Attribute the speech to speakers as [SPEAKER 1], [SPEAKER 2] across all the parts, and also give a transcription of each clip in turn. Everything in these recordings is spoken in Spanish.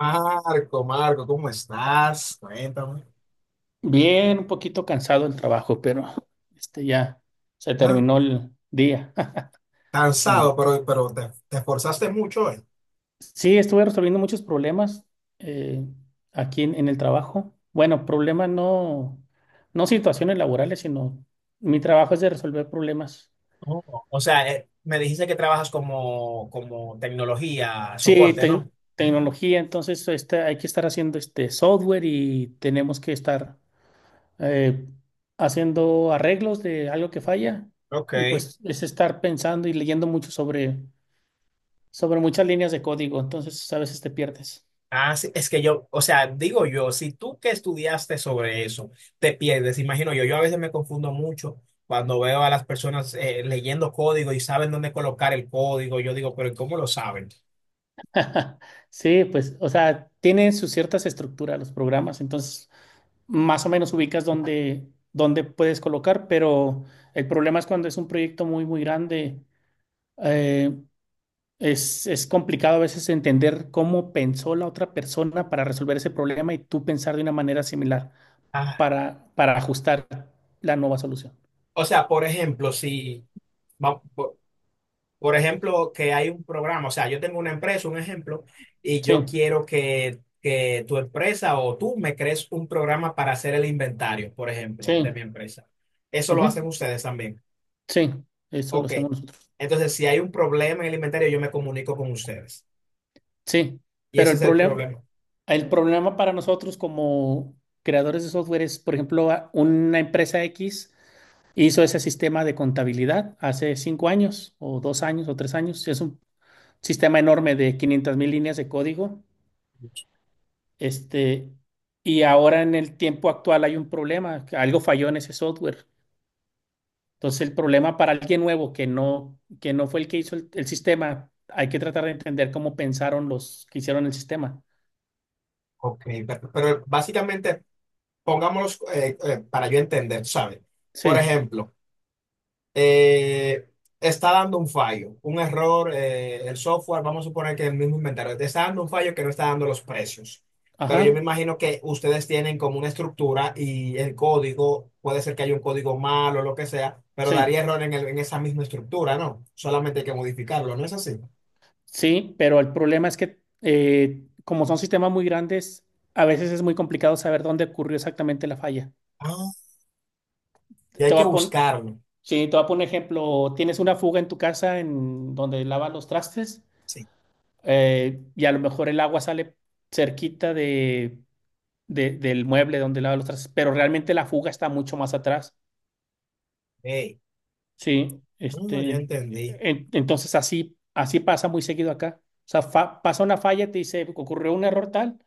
[SPEAKER 1] Marco, Marco, ¿cómo estás? Cuéntame.
[SPEAKER 2] Bien, un poquito cansado el trabajo, pero ya se
[SPEAKER 1] Ah,
[SPEAKER 2] terminó el día esta
[SPEAKER 1] cansado,
[SPEAKER 2] mañana.
[SPEAKER 1] pero te esforzaste mucho hoy.
[SPEAKER 2] Sí, estuve resolviendo muchos problemas eh, aquí en el trabajo. Bueno, problemas no, no situaciones laborales, sino mi trabajo es de resolver problemas.
[SPEAKER 1] Oh, o sea, me dijiste que trabajas como tecnología,
[SPEAKER 2] Sí,
[SPEAKER 1] soporte, ¿no?
[SPEAKER 2] tecnología, entonces hay que estar haciendo este software y tenemos que estar eh, haciendo arreglos de algo que falla,
[SPEAKER 1] Ok.
[SPEAKER 2] y pues es estar pensando y leyendo mucho sobre muchas líneas de código, entonces pues, a veces te pierdes.
[SPEAKER 1] Ah, sí, es que yo, o sea, digo yo, si tú que estudiaste sobre eso, te pierdes, imagino yo a veces me confundo mucho cuando veo a las personas leyendo código y saben dónde colocar el código, yo digo, pero ¿cómo lo saben?
[SPEAKER 2] Sí, pues, o sea, tienen sus ciertas estructuras los programas, entonces más o menos ubicas dónde puedes colocar, pero el problema es cuando es un proyecto muy grande, eh, es complicado a veces entender cómo pensó la otra persona para resolver ese problema y tú pensar de una manera similar para ajustar la nueva solución.
[SPEAKER 1] O sea, por ejemplo, si, va- por ejemplo, que hay un programa, o sea, yo tengo una empresa, un ejemplo, y yo
[SPEAKER 2] Sí,
[SPEAKER 1] quiero que tu empresa o tú me crees un programa para hacer el inventario, por ejemplo, de
[SPEAKER 2] sí,
[SPEAKER 1] mi empresa. Eso lo hacen
[SPEAKER 2] ujú,
[SPEAKER 1] ustedes también.
[SPEAKER 2] sí, eso lo
[SPEAKER 1] Ok.
[SPEAKER 2] hacemos nosotros.
[SPEAKER 1] Entonces, si hay un problema en el inventario, yo me comunico con ustedes.
[SPEAKER 2] Sí,
[SPEAKER 1] Y
[SPEAKER 2] pero
[SPEAKER 1] ese es el problema.
[SPEAKER 2] el problema para nosotros como creadores de software es, por ejemplo, una empresa X hizo ese sistema de contabilidad hace cinco años o dos años o tres años. Es un sistema enorme de 500 mil líneas de código. Este, y ahora en el tiempo actual hay un problema, que algo falló en ese software. Entonces el problema para alguien nuevo que no fue el que hizo el sistema, hay que tratar de entender cómo pensaron los que hicieron el sistema.
[SPEAKER 1] Ok, pero básicamente, pongámoslos para yo entender, ¿sabes? Por
[SPEAKER 2] Sí,
[SPEAKER 1] ejemplo. eh, está dando un fallo, un error, el software, vamos a suponer que es el mismo inventario, te está dando un fallo que no está dando los precios. Pero yo me
[SPEAKER 2] ajá,
[SPEAKER 1] imagino que ustedes tienen como una estructura y el código, puede ser que haya un código malo o lo que sea, pero
[SPEAKER 2] sí.
[SPEAKER 1] daría error en esa misma estructura, ¿no? Solamente hay que modificarlo, ¿no es así?
[SPEAKER 2] Sí, pero el problema es que como son sistemas muy grandes, a veces es muy complicado saber dónde ocurrió exactamente la falla.
[SPEAKER 1] Ah, y hay
[SPEAKER 2] Te
[SPEAKER 1] que
[SPEAKER 2] voy a poner,
[SPEAKER 1] buscarlo.
[SPEAKER 2] sí, te voy a poner un ejemplo, tienes una fuga en tu casa en donde lavas los trastes,
[SPEAKER 1] Sí.
[SPEAKER 2] y a lo mejor el agua sale cerquita de, del mueble donde lavas los trastes, pero realmente la fuga está mucho más atrás.
[SPEAKER 1] Hey,
[SPEAKER 2] Sí,
[SPEAKER 1] ya entendí.
[SPEAKER 2] entonces así pasa muy seguido acá. O sea, pasa una falla, te dice, ocurrió un error tal,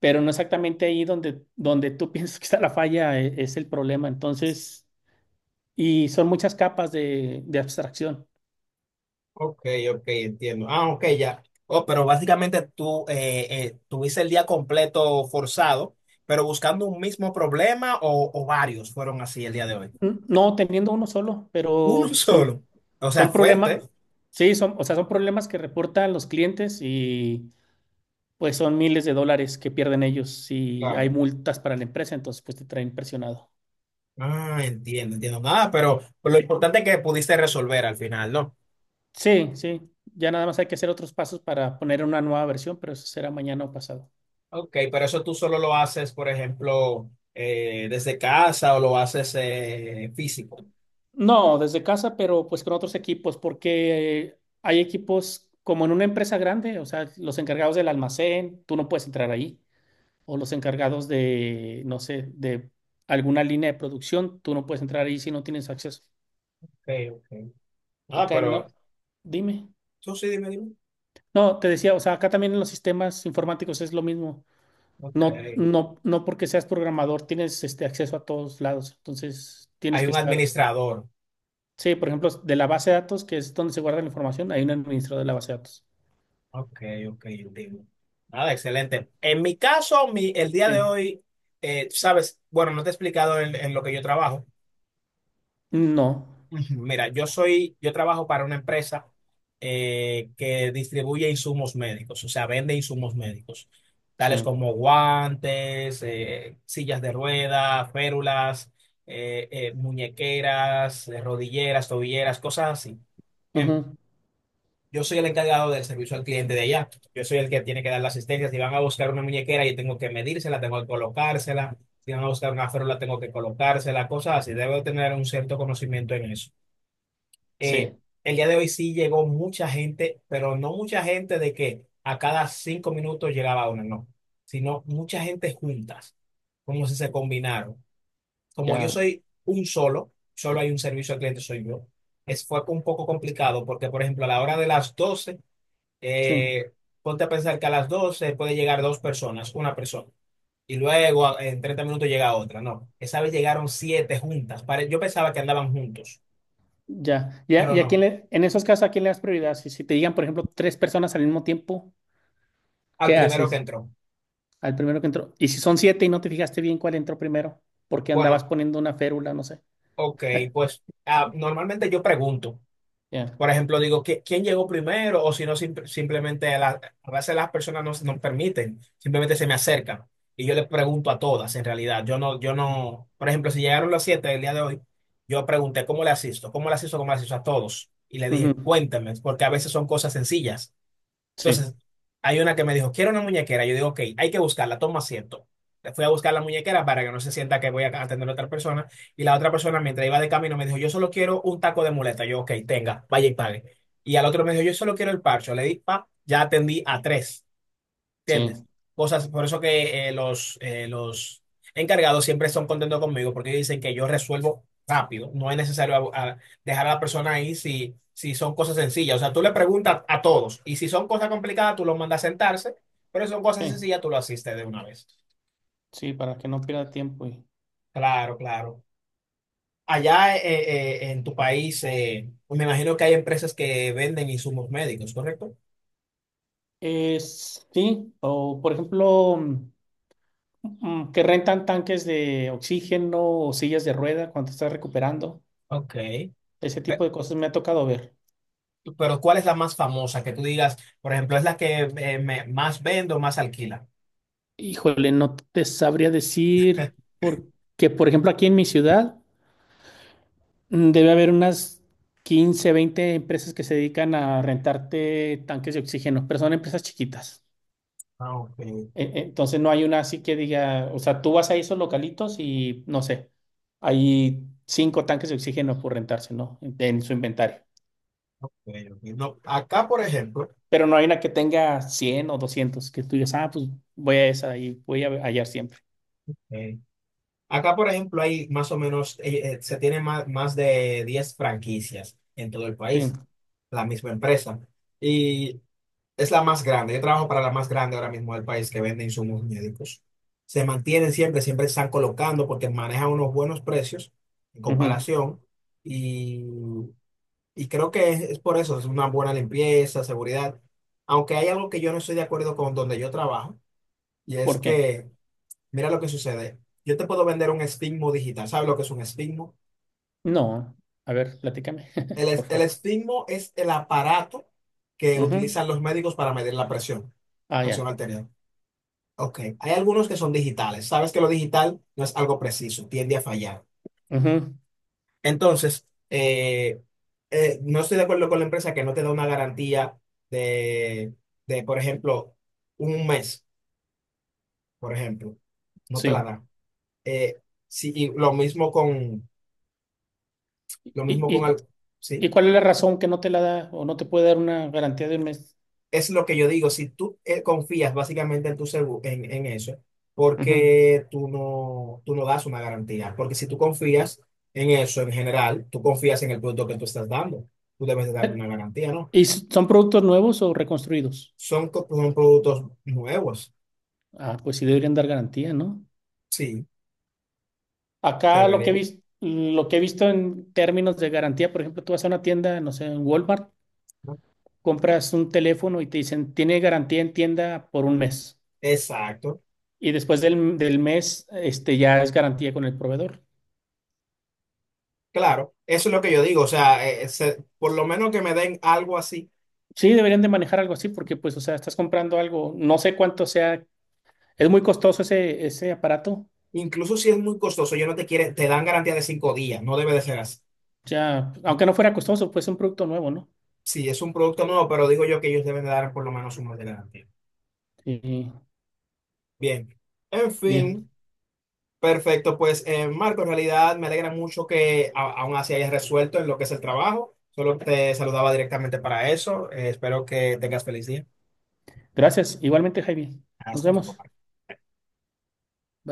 [SPEAKER 2] pero no exactamente ahí donde tú piensas que está la falla, es el problema. Entonces, y son muchas capas de abstracción.
[SPEAKER 1] Ok, ok, entiendo. Ah, ok, ya. Oh, pero básicamente tú tuviste el día completo forzado, pero buscando un mismo problema o varios fueron así el día de hoy.
[SPEAKER 2] No teniendo uno solo,
[SPEAKER 1] Uno
[SPEAKER 2] pero
[SPEAKER 1] solo. O sea,
[SPEAKER 2] son problemas,
[SPEAKER 1] fuerte.
[SPEAKER 2] sí, son, o sea, son problemas que reportan los clientes y pues son miles de dólares que pierden ellos y hay
[SPEAKER 1] Claro.
[SPEAKER 2] multas para la empresa, entonces pues te traen presionado.
[SPEAKER 1] Ah, entiendo, entiendo. Nada, pero lo importante es que pudiste resolver al final, ¿no?
[SPEAKER 2] Sí, sí, ya nada más hay que hacer otros pasos para poner una nueva versión, pero eso será mañana o pasado.
[SPEAKER 1] Ok, pero eso tú solo lo haces, por ejemplo, desde casa o lo haces físico.
[SPEAKER 2] No, desde casa, pero pues con otros equipos, porque hay equipos como en una empresa grande, o sea, los encargados del almacén, tú no puedes entrar ahí, o los encargados de, no sé, de alguna línea de producción, tú no puedes entrar ahí si no tienes acceso.
[SPEAKER 1] Ok, ok. Ah,
[SPEAKER 2] Acá
[SPEAKER 1] pero
[SPEAKER 2] no, dime.
[SPEAKER 1] tú sí, dime, dime.
[SPEAKER 2] No, te decía, o sea, acá también en los sistemas informáticos es lo mismo.
[SPEAKER 1] Ok.
[SPEAKER 2] No porque seas programador tienes este acceso a todos lados, entonces tienes
[SPEAKER 1] Hay
[SPEAKER 2] que
[SPEAKER 1] un
[SPEAKER 2] estar.
[SPEAKER 1] administrador.
[SPEAKER 2] Sí, por ejemplo, de la base de datos, que es donde se guarda la información, hay un administrador de la base de datos.
[SPEAKER 1] Ok, ok, entiendo. Nada, excelente. En mi caso, mi, el día
[SPEAKER 2] Sí,
[SPEAKER 1] de hoy, sabes, bueno, no te he explicado en lo que yo trabajo.
[SPEAKER 2] no,
[SPEAKER 1] Ujú. Mira, yo trabajo para una empresa que distribuye insumos médicos, o sea, vende insumos médicos, tales
[SPEAKER 2] sí,
[SPEAKER 1] como guantes, sillas de rueda, férulas, muñequeras, rodilleras, tobilleras, cosas así. Bien.
[SPEAKER 2] ujú,
[SPEAKER 1] Yo soy el encargado del servicio al cliente de allá. Yo soy el que tiene que dar la asistencia. Si van a buscar una muñequera, yo tengo que medírsela, tengo que colocársela. Si van a buscar una férula, tengo que colocársela, cosas así. Debo tener un cierto conocimiento en eso. Eh,
[SPEAKER 2] sí,
[SPEAKER 1] el día de hoy sí llegó mucha gente, pero no mucha gente de que a cada 5 minutos llegaba una, no, sino mucha gente juntas, como si se combinaron. Como yo
[SPEAKER 2] ya,
[SPEAKER 1] soy solo hay un servicio al cliente, soy yo. Es, fue un poco complicado porque, por ejemplo, a la hora de las 12
[SPEAKER 2] sí,
[SPEAKER 1] eh, ponte a pensar que a las 12 puede llegar dos personas, una persona, y luego en 30 minutos llega otra. No, esa vez llegaron siete juntas. Pare- Yo pensaba que andaban juntos,
[SPEAKER 2] ya, ya,
[SPEAKER 1] pero
[SPEAKER 2] y a quién
[SPEAKER 1] no,
[SPEAKER 2] le, en esos casos, ¿a quién le das prioridad? Si te digan, por ejemplo, tres personas al mismo tiempo,
[SPEAKER 1] al
[SPEAKER 2] ¿qué
[SPEAKER 1] primero que
[SPEAKER 2] haces?
[SPEAKER 1] entró.
[SPEAKER 2] Al primero que entró, y si son siete y no te fijaste bien cuál entró primero, porque andabas
[SPEAKER 1] Bueno,
[SPEAKER 2] poniendo una férula, no sé,
[SPEAKER 1] ok, pues ah, normalmente yo pregunto.
[SPEAKER 2] ya,
[SPEAKER 1] Por ejemplo, digo, ¿quién llegó primero? O si no, simplemente a veces las personas no, no permiten, simplemente se me acercan. Y yo les pregunto a todas, en realidad. Yo no, yo no, por ejemplo, si llegaron las 7 el día de hoy, yo pregunté, ¿cómo le asisto? ¿Cómo le asisto? ¿Cómo le asisto a todos? Y le dije,
[SPEAKER 2] ujú,
[SPEAKER 1] cuéntame, porque a veces son cosas sencillas.
[SPEAKER 2] sí,
[SPEAKER 1] Entonces, hay una que me dijo, quiero una muñequera. Yo digo, ok, hay que buscarla, toma asiento. Le fui a buscar la muñequera para que no se sienta que voy a atender a otra persona. Y la otra persona, mientras iba de camino, me dijo, yo solo quiero un taco de muleta. Yo, ok, tenga, vaya y pague. Y al otro me dijo, yo solo quiero el parcho. Le di, pa, ya atendí a tres. ¿Entiendes?
[SPEAKER 2] sí,
[SPEAKER 1] Cosas, por eso que los encargados siempre son contentos conmigo porque dicen que yo resuelvo rápido. No es necesario a dejar a la persona ahí si, si son cosas sencillas. O sea, tú le preguntas a todos y si son cosas complicadas, tú los mandas a sentarse, pero si son cosas
[SPEAKER 2] sí,
[SPEAKER 1] sencillas, tú lo asistes de una vez.
[SPEAKER 2] sí, para que no pierda tiempo y,
[SPEAKER 1] Claro, claro. Allá en tu país, me imagino que hay empresas que venden insumos médicos, ¿correcto?
[SPEAKER 2] sí, o por ejemplo, que rentan tanques de oxígeno o sillas de rueda cuando estás recuperando.
[SPEAKER 1] Ok.
[SPEAKER 2] Ese tipo de cosas me ha tocado ver.
[SPEAKER 1] Pero ¿cuál es la más famosa que tú digas, por ejemplo, es la que más vendo, más alquila?
[SPEAKER 2] Híjole, no te sabría decir porque, por ejemplo, aquí en mi ciudad debe haber unas 15 20 empresas que se dedican a rentarte tanques de oxígeno, pero son empresas chiquitas.
[SPEAKER 1] Ah, ok,
[SPEAKER 2] Entonces no hay una así que diga, o sea, tú vas a esos localitos y no sé, hay cinco tanques de oxígeno por rentarse, ¿no? En su inventario.
[SPEAKER 1] ok, ok. No,
[SPEAKER 2] Pero no hay una que tenga 100 o 200 que tú digas, ah, pues voy a esa y voy a hallar siempre.
[SPEAKER 1] Eh, acá, por ejemplo, hay más o menos, se tiene más de 10 franquicias en todo el
[SPEAKER 2] Sí.
[SPEAKER 1] país, la misma empresa. Y es la más grande. Yo trabajo para la más grande ahora mismo del país que vende insumos médicos. Se mantienen siempre, siempre están colocando porque manejan unos buenos precios en
[SPEAKER 2] Ujú.
[SPEAKER 1] comparación. y Y creo que es por eso, es una buena limpieza, seguridad. Aunque hay algo que yo no estoy de acuerdo con donde yo trabajo, y es
[SPEAKER 2] ¿Por qué?
[SPEAKER 1] que, mira lo que sucede. Yo te puedo vender un estigmo digital. ¿Sabes lo que es un estigmo?
[SPEAKER 2] No, a ver, platícame,
[SPEAKER 1] El,
[SPEAKER 2] por
[SPEAKER 1] el
[SPEAKER 2] favor.
[SPEAKER 1] estigmo es el aparato que
[SPEAKER 2] Ujú.
[SPEAKER 1] utilizan los médicos para medir la presión,
[SPEAKER 2] Ah,
[SPEAKER 1] presión
[SPEAKER 2] ya.
[SPEAKER 1] arterial. Ok, hay algunos que son digitales. Sabes que lo digital no es algo preciso, tiende a fallar.
[SPEAKER 2] Ujú,
[SPEAKER 1] Entonces, no estoy de acuerdo con la empresa que no te da una garantía de, de, por ejemplo, un mes, por ejemplo. No te la
[SPEAKER 2] sí.
[SPEAKER 1] da. Eh, sí, y lo mismo con,
[SPEAKER 2] ¿Y,
[SPEAKER 1] lo mismo con,
[SPEAKER 2] y,
[SPEAKER 1] al- sí,
[SPEAKER 2] y cuál es la razón que no te la da o no te puede dar una garantía de un mes?
[SPEAKER 1] es lo que yo digo. Si tú confías básicamente en tu seguro, en eso,
[SPEAKER 2] Ujú.
[SPEAKER 1] porque tú no das una garantía? Porque si tú confías en eso en general, tú confías en el producto que tú estás dando. Tú debes de darme
[SPEAKER 2] Eh,
[SPEAKER 1] una garantía, ¿no?
[SPEAKER 2] ¿Y son productos nuevos o reconstruidos?
[SPEAKER 1] Son productos nuevos.
[SPEAKER 2] Ah, pues sí deberían dar garantía, ¿no?
[SPEAKER 1] Sí,
[SPEAKER 2] Acá lo que he
[SPEAKER 1] deberían.
[SPEAKER 2] visto, lo que he visto en términos de garantía, por ejemplo, tú vas a una tienda, no sé, en Walmart,
[SPEAKER 1] ¿No?
[SPEAKER 2] compras un teléfono y te dicen, tiene garantía en tienda por un mes.
[SPEAKER 1] Exacto.
[SPEAKER 2] Y después del mes, este, ya es garantía con el proveedor.
[SPEAKER 1] Claro, eso es lo que yo digo. O sea, por lo menos que me den algo así.
[SPEAKER 2] Sí, deberían de manejar algo así porque, pues, o sea, estás comprando algo, no sé cuánto sea, es muy costoso ese aparato,
[SPEAKER 1] Incluso si es muy costoso, yo no te quieren, te dan garantía de 5 días. No debe de ser así.
[SPEAKER 2] ya, aunque no fuera costoso, pues es un producto nuevo, ¿no?
[SPEAKER 1] Sí, es un producto nuevo, pero digo yo que ellos deben de dar por lo menos un mes de garantía.
[SPEAKER 2] Y,
[SPEAKER 1] Bien. En
[SPEAKER 2] bien,
[SPEAKER 1] fin, perfecto. Pues, Marco, en realidad me alegra mucho que aún así hayas resuelto en lo que es el trabajo. Solo te saludaba directamente para eso. Espero que tengas feliz día.
[SPEAKER 2] gracias. Igualmente, Jaime, nos
[SPEAKER 1] Hasta luego.
[SPEAKER 2] vemos.